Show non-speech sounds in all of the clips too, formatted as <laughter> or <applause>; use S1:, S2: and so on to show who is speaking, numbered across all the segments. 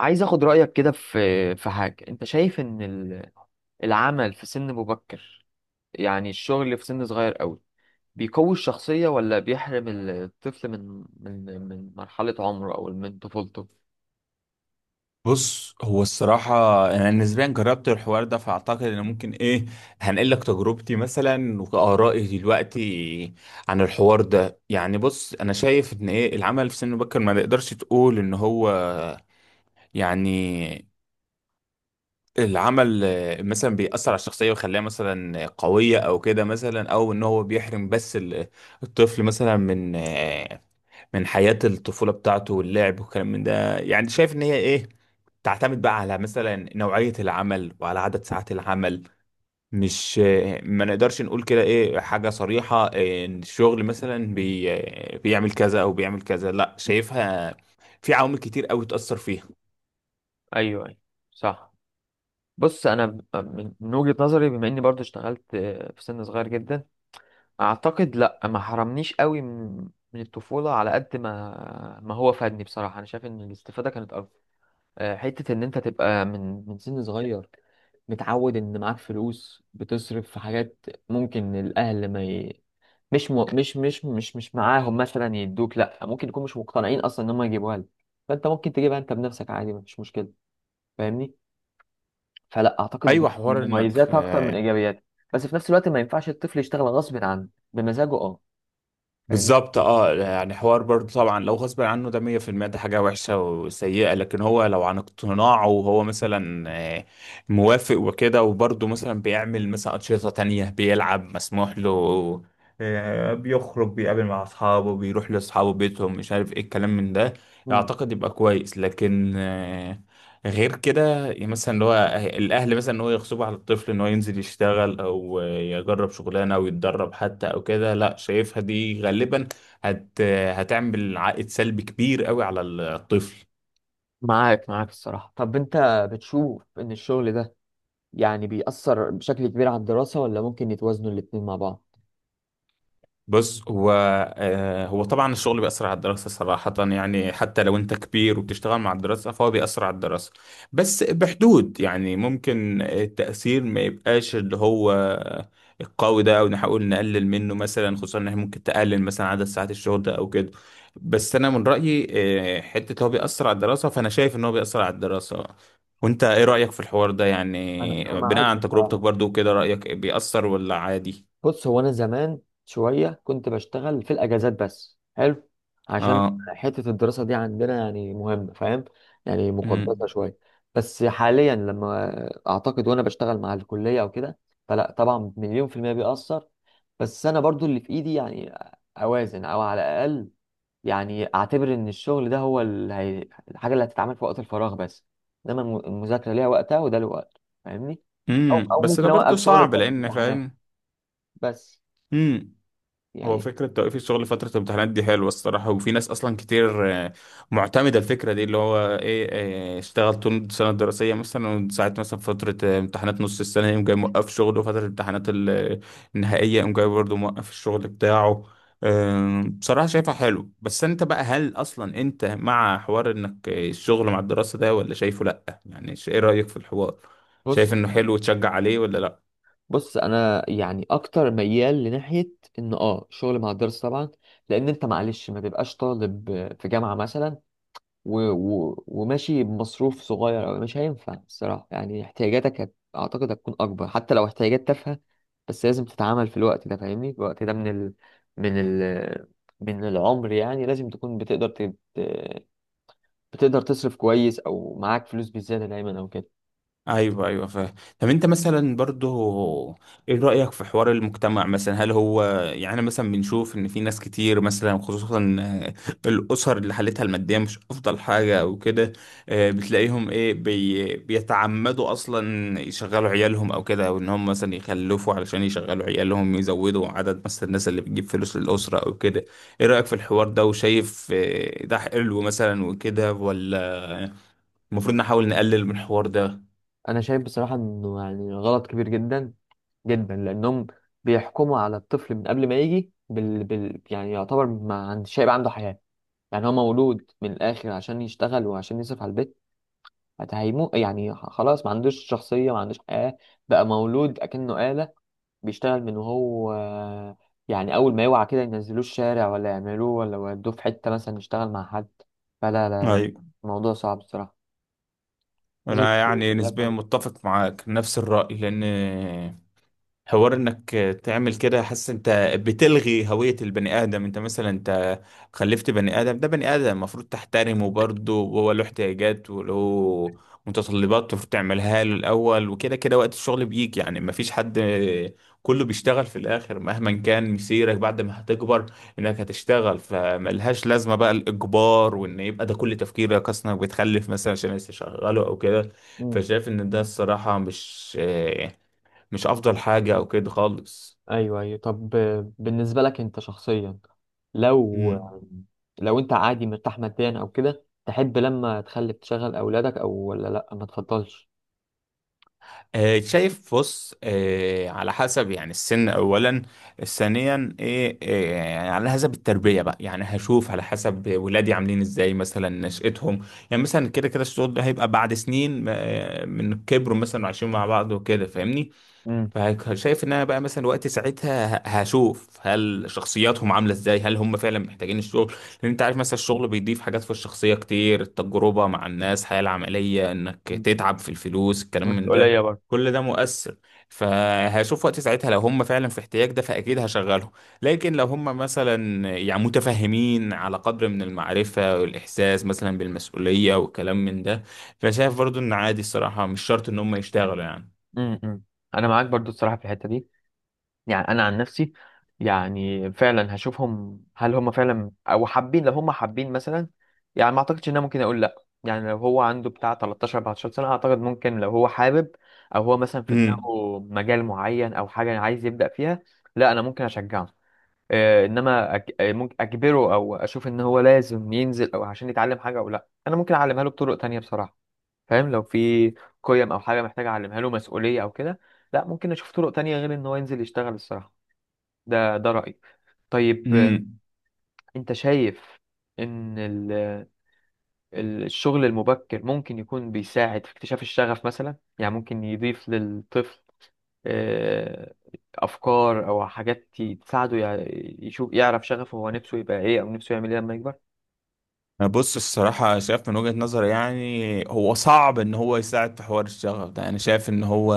S1: عايز اخد رأيك كده في حاجة، انت شايف ان العمل في سن مبكر، يعني الشغل في سن صغير قوي بيقوي الشخصية، ولا بيحرم الطفل من مرحلة عمره او من طفولته؟
S2: بص، هو الصراحة أنا نسبيا جربت الحوار ده فأعتقد إن ممكن إيه هنقل لك تجربتي مثلا وآرائي دلوقتي عن الحوار ده. يعني بص، أنا شايف إن إيه العمل في سن مبكر ما نقدرش تقول إن هو يعني العمل، مثلا بيأثر على الشخصية ويخليها مثلا قوية أو كده، مثلا، أو إن هو بيحرم، بس الطفل مثلا من حياة الطفولة بتاعته واللعب والكلام من ده. يعني شايف ان هي ايه، تعتمد بقى على مثلا نوعية العمل وعلى عدد ساعات العمل. مش ما نقدرش نقول كده ايه حاجة صريحة إيه، ان الشغل مثلا بيعمل كذا او بيعمل كذا، لا شايفها في عوامل كتير قوي تأثر فيها.
S1: ايوه ايوه، صح. بص انا من من وجهة نظري، بما اني برضو اشتغلت في سن صغير جدا، اعتقد لا، ما حرمنيش قوي من الطفولة، على قد ما هو فادني. بصراحة انا شايف ان الاستفادة كانت اكبر، حتة إن أنت تبقى من سن صغير متعود إن معاك فلوس بتصرف في حاجات، ممكن الأهل ما ي... مش م... مش مش مش مش معاهم مثلا يدوك، لأ ممكن يكون مش مقتنعين أصلا إن هم يجيبوها لك، فأنت ممكن تجيبها أنت بنفسك عادي، مفيش مشكلة. فاهمني؟ فلأ، أعتقد
S2: ايوه،
S1: دي
S2: حوار انك
S1: مميزاتها أكتر من إيجابياتها. بس في نفس الوقت ما ينفعش الطفل يشتغل غصب عنه، بمزاجه فاهمني؟
S2: بالظبط. اه يعني حوار برضه طبعا، لو غصب عنه ده 100%، ده حاجة وحشة وسيئة، لكن هو لو عن اقتناعه وهو مثلا آه، موافق وكده وبرضه مثلا بيعمل مثلا أنشطة تانية، بيلعب، مسموح له، بيخرج، بيقابل مع أصحابه، بيروح لأصحابه، بيتهم، مش عارف ايه الكلام من ده،
S1: مم.
S2: أعتقد يبقى كويس. لكن غير كده بقى مثلا اللي هو، الاهل مثلا ان هو يغصبوا على الطفل ان هو ينزل يشتغل او يجرب شغلانه او يتدرب حتى او كده، لا شايفها دي غالبا هت هتعمل عائد سلبي كبير قوي على الطفل.
S1: معاك معاك الصراحة. طب أنت بتشوف إن الشغل ده يعني بيأثر بشكل كبير على الدراسة، ولا ممكن يتوازنوا الاتنين مع بعض؟
S2: بص هو، هو طبعا الشغل بيأثر على الدراسة صراحة. يعني حتى لو انت كبير وبتشتغل مع الدراسة فهو بيأثر على الدراسة، بس بحدود. يعني ممكن التأثير ما يبقاش اللي هو القوي ده او نحاول نقلل منه مثلا، خصوصا ان احنا ممكن تقلل مثلا عدد ساعات الشغل ده او كده. بس انا من رأيي، حتة هو بيأثر على الدراسة فانا شايف ان هو بيأثر على الدراسة. وانت ايه رأيك في الحوار ده؟
S1: انا
S2: يعني بناء
S1: معاك
S2: عن تجربتك
S1: بصراحه.
S2: برضو كده، رأيك بيأثر ولا عادي؟
S1: بص هو انا زمان شويه كنت بشتغل في الاجازات، بس حلو عشان
S2: اه.
S1: حته الدراسه دي عندنا يعني مهمه، فاهم؟ يعني
S2: مم.
S1: مقدسه شويه. بس حاليا لما اعتقد وانا بشتغل مع الكليه او كده، فلا طبعا مليون في الميه بيأثر. بس انا برضو اللي في ايدي يعني اوازن، او على الاقل يعني اعتبر ان الشغل ده هو الحاجه اللي هتتعمل في وقت الفراغ بس، انما المذاكره ليها وقتها وده له وقت، فاهمني؟ او او
S2: بس ده
S1: ممكن
S2: برضه
S1: اوقف شغل
S2: صعب،
S1: في وقت
S2: لان
S1: الامتحانات
S2: فاهم.
S1: بس،
S2: امم هو
S1: يعني.
S2: فكره توقيف الشغل فتره الامتحانات دي حلوه الصراحه، وفي ناس اصلا كتير معتمده الفكره دي اللي هو ايه، اشتغل طول السنه الدراسيه مثلا وساعه مثلا فتره امتحانات نص السنه يقوم جاي موقف شغله، وفتره الامتحانات النهائيه يقوم جاي برضه موقف الشغل بتاعه. بصراحه شايفها حلو. بس انت بقى، هل اصلا انت مع حوار انك الشغل مع الدراسه ده، ولا شايفه لا؟ يعني ايه رايك في الحوار،
S1: بص
S2: شايف انه حلو وتشجع عليه ولا لا؟
S1: بص انا يعني اكتر ميال لناحيه ان شغل مع الدراسه طبعا، لان انت معلش ما تبقاش طالب في جامعه مثلا وماشي بمصروف صغير أوي، مش هينفع الصراحة، يعني احتياجاتك أعتقد هتكون أكبر، حتى لو احتياجات تافهة، بس لازم تتعامل في الوقت ده. فاهمني؟ في الوقت ده من ال... من العمر، يعني لازم تكون بتقدر بتقدر تصرف كويس أو معاك فلوس بزيادة دايما أو كده.
S2: ايوه، ايوه، فاهم. طب انت مثلا برضو، ايه رأيك في حوار المجتمع مثلا؟ هل هو يعني، أنا مثلا بنشوف ان في ناس كتير مثلا، خصوصا الاسر اللي حالتها المادية مش افضل حاجة او كده، بتلاقيهم ايه بيتعمدوا اصلا يشغلوا عيالهم او كده، او ان هم مثلا يخلفوا علشان يشغلوا عيالهم، يزودوا عدد مثلا الناس اللي بتجيب فلوس للأسرة او كده. ايه رأيك في الحوار ده؟ وشايف ده حلو مثلا وكده ولا المفروض نحاول نقلل من الحوار ده؟
S1: أنا شايف بصراحة إنه يعني غلط كبير جدا جدا، لأنهم بيحكموا على الطفل من قبل ما يجي يعني يعتبر ما عند... شايب عنده حياة. يعني هو مولود من الآخر عشان يشتغل وعشان يصرف على البيت، هيمو يعني خلاص، ما عندوش شخصية ما عندوش حياة، بقى مولود أكنه آلة بيشتغل من وهو يعني أول ما يوعى كده ينزلوه الشارع، ولا يعملوه، ولا يودوه في حتة مثلا يشتغل مع حد. فلا لا لا،
S2: ايوه،
S1: الموضوع صعب الصراحة. لازم يكون
S2: انا
S1: في
S2: يعني
S1: مسؤولية
S2: نسبيا
S1: فعلا.
S2: متفق معاك نفس الرأي، لان حوار انك تعمل كده حاسس انت بتلغي هوية البني ادم. انت مثلا انت خلفت بني ادم، ده بني ادم المفروض تحترمه برضه، وهو له احتياجات وله متطلبات المفروض تعملها له الاول وكده كده. وقت الشغل بيجي يعني، مفيش حد، كله بيشتغل في الاخر مهما كان مسيرك بعد ما هتكبر انك هتشتغل، فملهاش لازمة بقى الاجبار، وان يبقى ده كل تفكيرك اصلا بتخلف مثلا عشان لسه شغاله او كده.
S1: <laughs> مم.
S2: فشايف ان ده الصراحة مش افضل حاجة او كده خالص.
S1: أيوه أيوه. طب بالنسبة لك أنت شخصيا، لو
S2: امم.
S1: لو أنت عادي مرتاح ماديا أو كده، تحب لما تخلف تشغل أولادك، أو ولا لأ ما تفضلش؟
S2: شايف بص، على حسب يعني السن اولا، ثانيا ايه، يعني على حسب التربيه بقى. يعني هشوف على حسب ولادي عاملين ازاي، مثلا نشأتهم. يعني مثلا كده كده الشغل ده هيبقى بعد سنين من كبروا مثلا وعايشين مع بعض وكده فاهمني.
S1: مم.
S2: فشايف ان انا بقى مثلا وقت ساعتها هشوف هل شخصياتهم عامله ازاي، هل هم فعلا محتاجين الشغل، لان انت عارف مثلا الشغل بيضيف حاجات في الشخصيه كتير، التجربه مع الناس، الحياه العمليه، انك تتعب في الفلوس، الكلام من
S1: مسؤولية
S2: ده.
S1: برضه.
S2: كل ده مؤثر. فهشوف وقت ساعتها لو هم فعلا في احتياج ده فاكيد هشغلهم، لكن لو هم مثلا يعني متفهمين على قدر من المعرفه والاحساس مثلا بالمسؤوليه والكلام من ده، فشايف برضو ان عادي الصراحه، مش شرط ان هم يشتغلوا يعني.
S1: امم، انا معاك برضو الصراحه في الحته دي. يعني انا عن نفسي يعني فعلا هشوفهم، هل هم فعلا او حابين، لو هم حابين مثلا يعني ما اعتقدش ان انا ممكن اقول لا. يعني لو هو عنده بتاع 13 14 سنه، اعتقد ممكن لو هو حابب او هو مثلا في دماغه مجال معين او حاجه عايز يبدا فيها، لا انا ممكن اشجعه. انما ممكن اجبره او اشوف ان هو لازم ينزل او عشان يتعلم حاجه، او لا انا ممكن اعلمها له بطرق تانية بصراحه. فاهم؟ لو في قيم او حاجه محتاج اعلمها له، مسؤوليه او كده، لا ممكن اشوف طرق تانية غير ان هو ينزل يشتغل الصراحه. ده رايي. طيب
S2: امم
S1: انت شايف ان الشغل المبكر ممكن يكون بيساعد في اكتشاف الشغف مثلا؟ يعني ممكن يضيف للطفل آه، افكار او حاجات تساعده يشوف يعرف شغفه هو نفسه يبقى ايه، او نفسه يعمل ايه لما يكبر.
S2: بص الصراحة، شايف من وجهة نظري، يعني هو صعب ان هو يساعد في حوار الشغف ده. انا شايف ان هو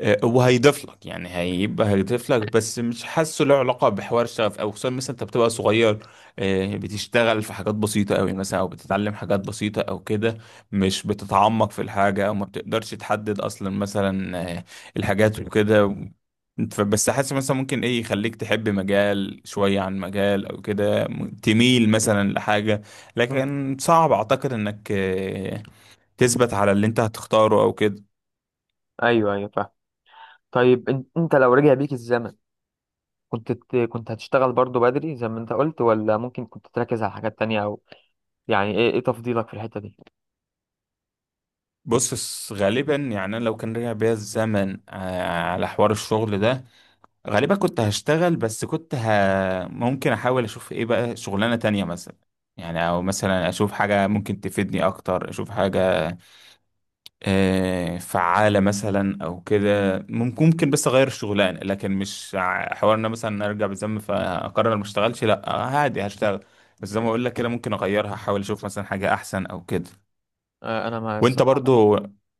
S2: وهيضيف لك يعني، هيبقى هيضيف لك، بس مش حاسه له علاقه بحوار الشغف. او خصوصا مثلا انت بتبقى صغير، بتشتغل في حاجات بسيطه قوي مثلا، او بتتعلم حاجات بسيطه او كده، مش بتتعمق في الحاجه، او ما بتقدرش تحدد اصلا مثلا الحاجات وكده. بس حاسس مثلا ممكن ايه يخليك تحب مجال شويه عن مجال او كده، تميل مثلا لحاجه،
S1: مم.
S2: لكن صعب اعتقد انك تثبت على اللي انت هتختاره او كده.
S1: ايوه ايوه فاهم. طيب انت لو رجع بيك الزمن، كنت كنت هتشتغل برضو بدري زي ما انت قلت، ولا ممكن كنت تركز على حاجات تانية؟ او يعني ايه تفضيلك في الحتة دي؟
S2: بص غالبا يعني، انا لو كان رجع بيا الزمن على حوار الشغل ده، غالبا كنت هشتغل، بس كنت ممكن احاول اشوف ايه بقى شغلانة تانية مثلا. يعني، او مثلا اشوف حاجة ممكن تفيدني اكتر، اشوف حاجة فعالة مثلا او كده. ممكن بس اغير الشغلانة، لكن مش حوار ان أنا مثلا ارجع بالزمن فاقرر ما اشتغلش، لا عادي هشتغل. بس زي ما اقول لك كده ممكن اغيرها، احاول اشوف مثلا حاجة احسن او كده.
S1: انا ما
S2: وانت
S1: الصراحة،
S2: برضو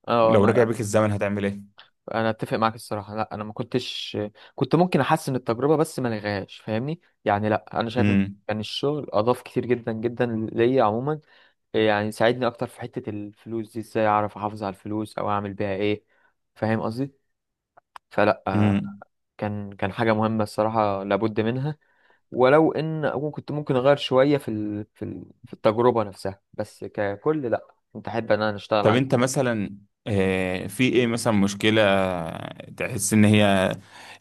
S1: اه
S2: لو رجع
S1: انا
S2: بيك الزمن هتعمل ايه؟
S1: انا اتفق معاك الصراحة. لا انا ما كنتش، كنت ممكن احسن التجربة بس ما الغاش، فاهمني؟ يعني لا انا شايف ان
S2: امم.
S1: كان الشغل اضاف كتير جدا جدا ليا عموما. يعني ساعدني اكتر في حتة الفلوس دي، ازاي اعرف احافظ على الفلوس او اعمل بيها ايه. فاهم قصدي؟ فلا،
S2: امم.
S1: كان حاجة مهمة الصراحة لابد منها. ولو ان اكون كنت ممكن اغير شويه في التجربه نفسها، بس ككل لا، كنت احب ان انا اشتغل
S2: طب
S1: عادي.
S2: انت مثلا في ايه مثلا مشكلة تحس ان هي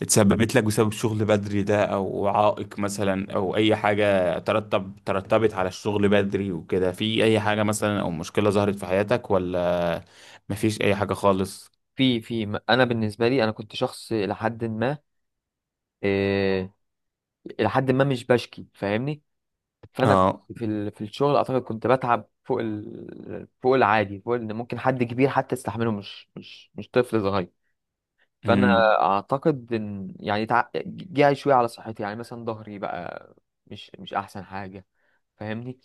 S2: اتسببت لك بسبب الشغل بدري ده، او عائق مثلا، او اي حاجة ترتبت على الشغل بدري وكده، في اي حاجة مثلا او مشكلة ظهرت في حياتك ولا مفيش اي حاجة خالص؟
S1: انا بالنسبه لي انا كنت شخص الى حد ما، إيه... الى حد ما مش بشكي، فاهمني؟ فانا كنت
S2: اه.
S1: في الشغل اعتقد كنت بتعب فوق العادي، فوق ان ممكن حد كبير حتى يستحمله، مش طفل صغير. فانا
S2: امم.
S1: اعتقد ان يعني جه شويه على صحتي، يعني مثلا ظهري بقى مش احسن حاجه. فاهمني؟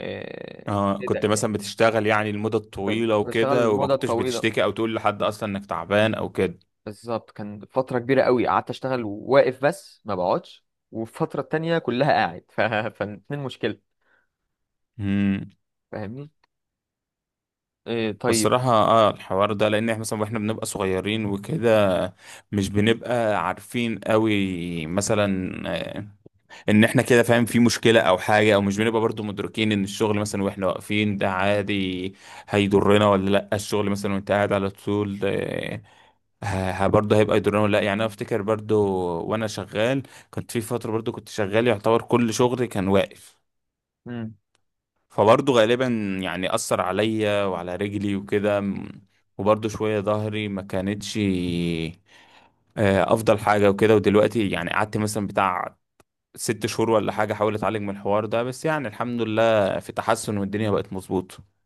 S1: آه،
S2: اه،
S1: كده
S2: كنت مثلا
S1: يعني
S2: بتشتغل يعني لمدة
S1: كنت
S2: طويلة
S1: بشتغل
S2: وكده، وما
S1: المدة
S2: كنتش
S1: الطويلة.
S2: بتشتكي او تقول لحد اصلا انك تعبان او كده؟
S1: بالظبط كان فترة كبيرة قوي قعدت اشتغل واقف بس ما بقعدش، والفترة التانية كلها قاعد <laughs> فالاتنين مشكلة.
S2: امم
S1: فاهمني؟ طيب.
S2: بصراحة الحوار ده، لان احنا مثلا واحنا بنبقى صغيرين وكده مش بنبقى عارفين قوي مثلا آه، ان احنا كده فاهم في مشكلة او حاجة، او مش بنبقى برضو مدركين ان الشغل مثلا واحنا واقفين ده عادي هيضرنا ولا لا، الشغل مثلا وانت قاعد على طول برضه هيبقى يضرنا ولا لا. يعني انا افتكر برضو، وانا شغال، كنت في فترة برضو كنت شغال يعتبر كل شغلي كان واقف،
S1: مم.
S2: فبرضه غالبا يعني أثر عليا وعلى رجلي وكده، وبرضه شوية ظهري ما كانتش أفضل حاجة وكده. ودلوقتي يعني قعدت مثلا بتاع 6 شهور ولا حاجة أحاول أتعالج من الحوار ده، بس يعني الحمد لله في تحسن والدنيا بقت مظبوطة.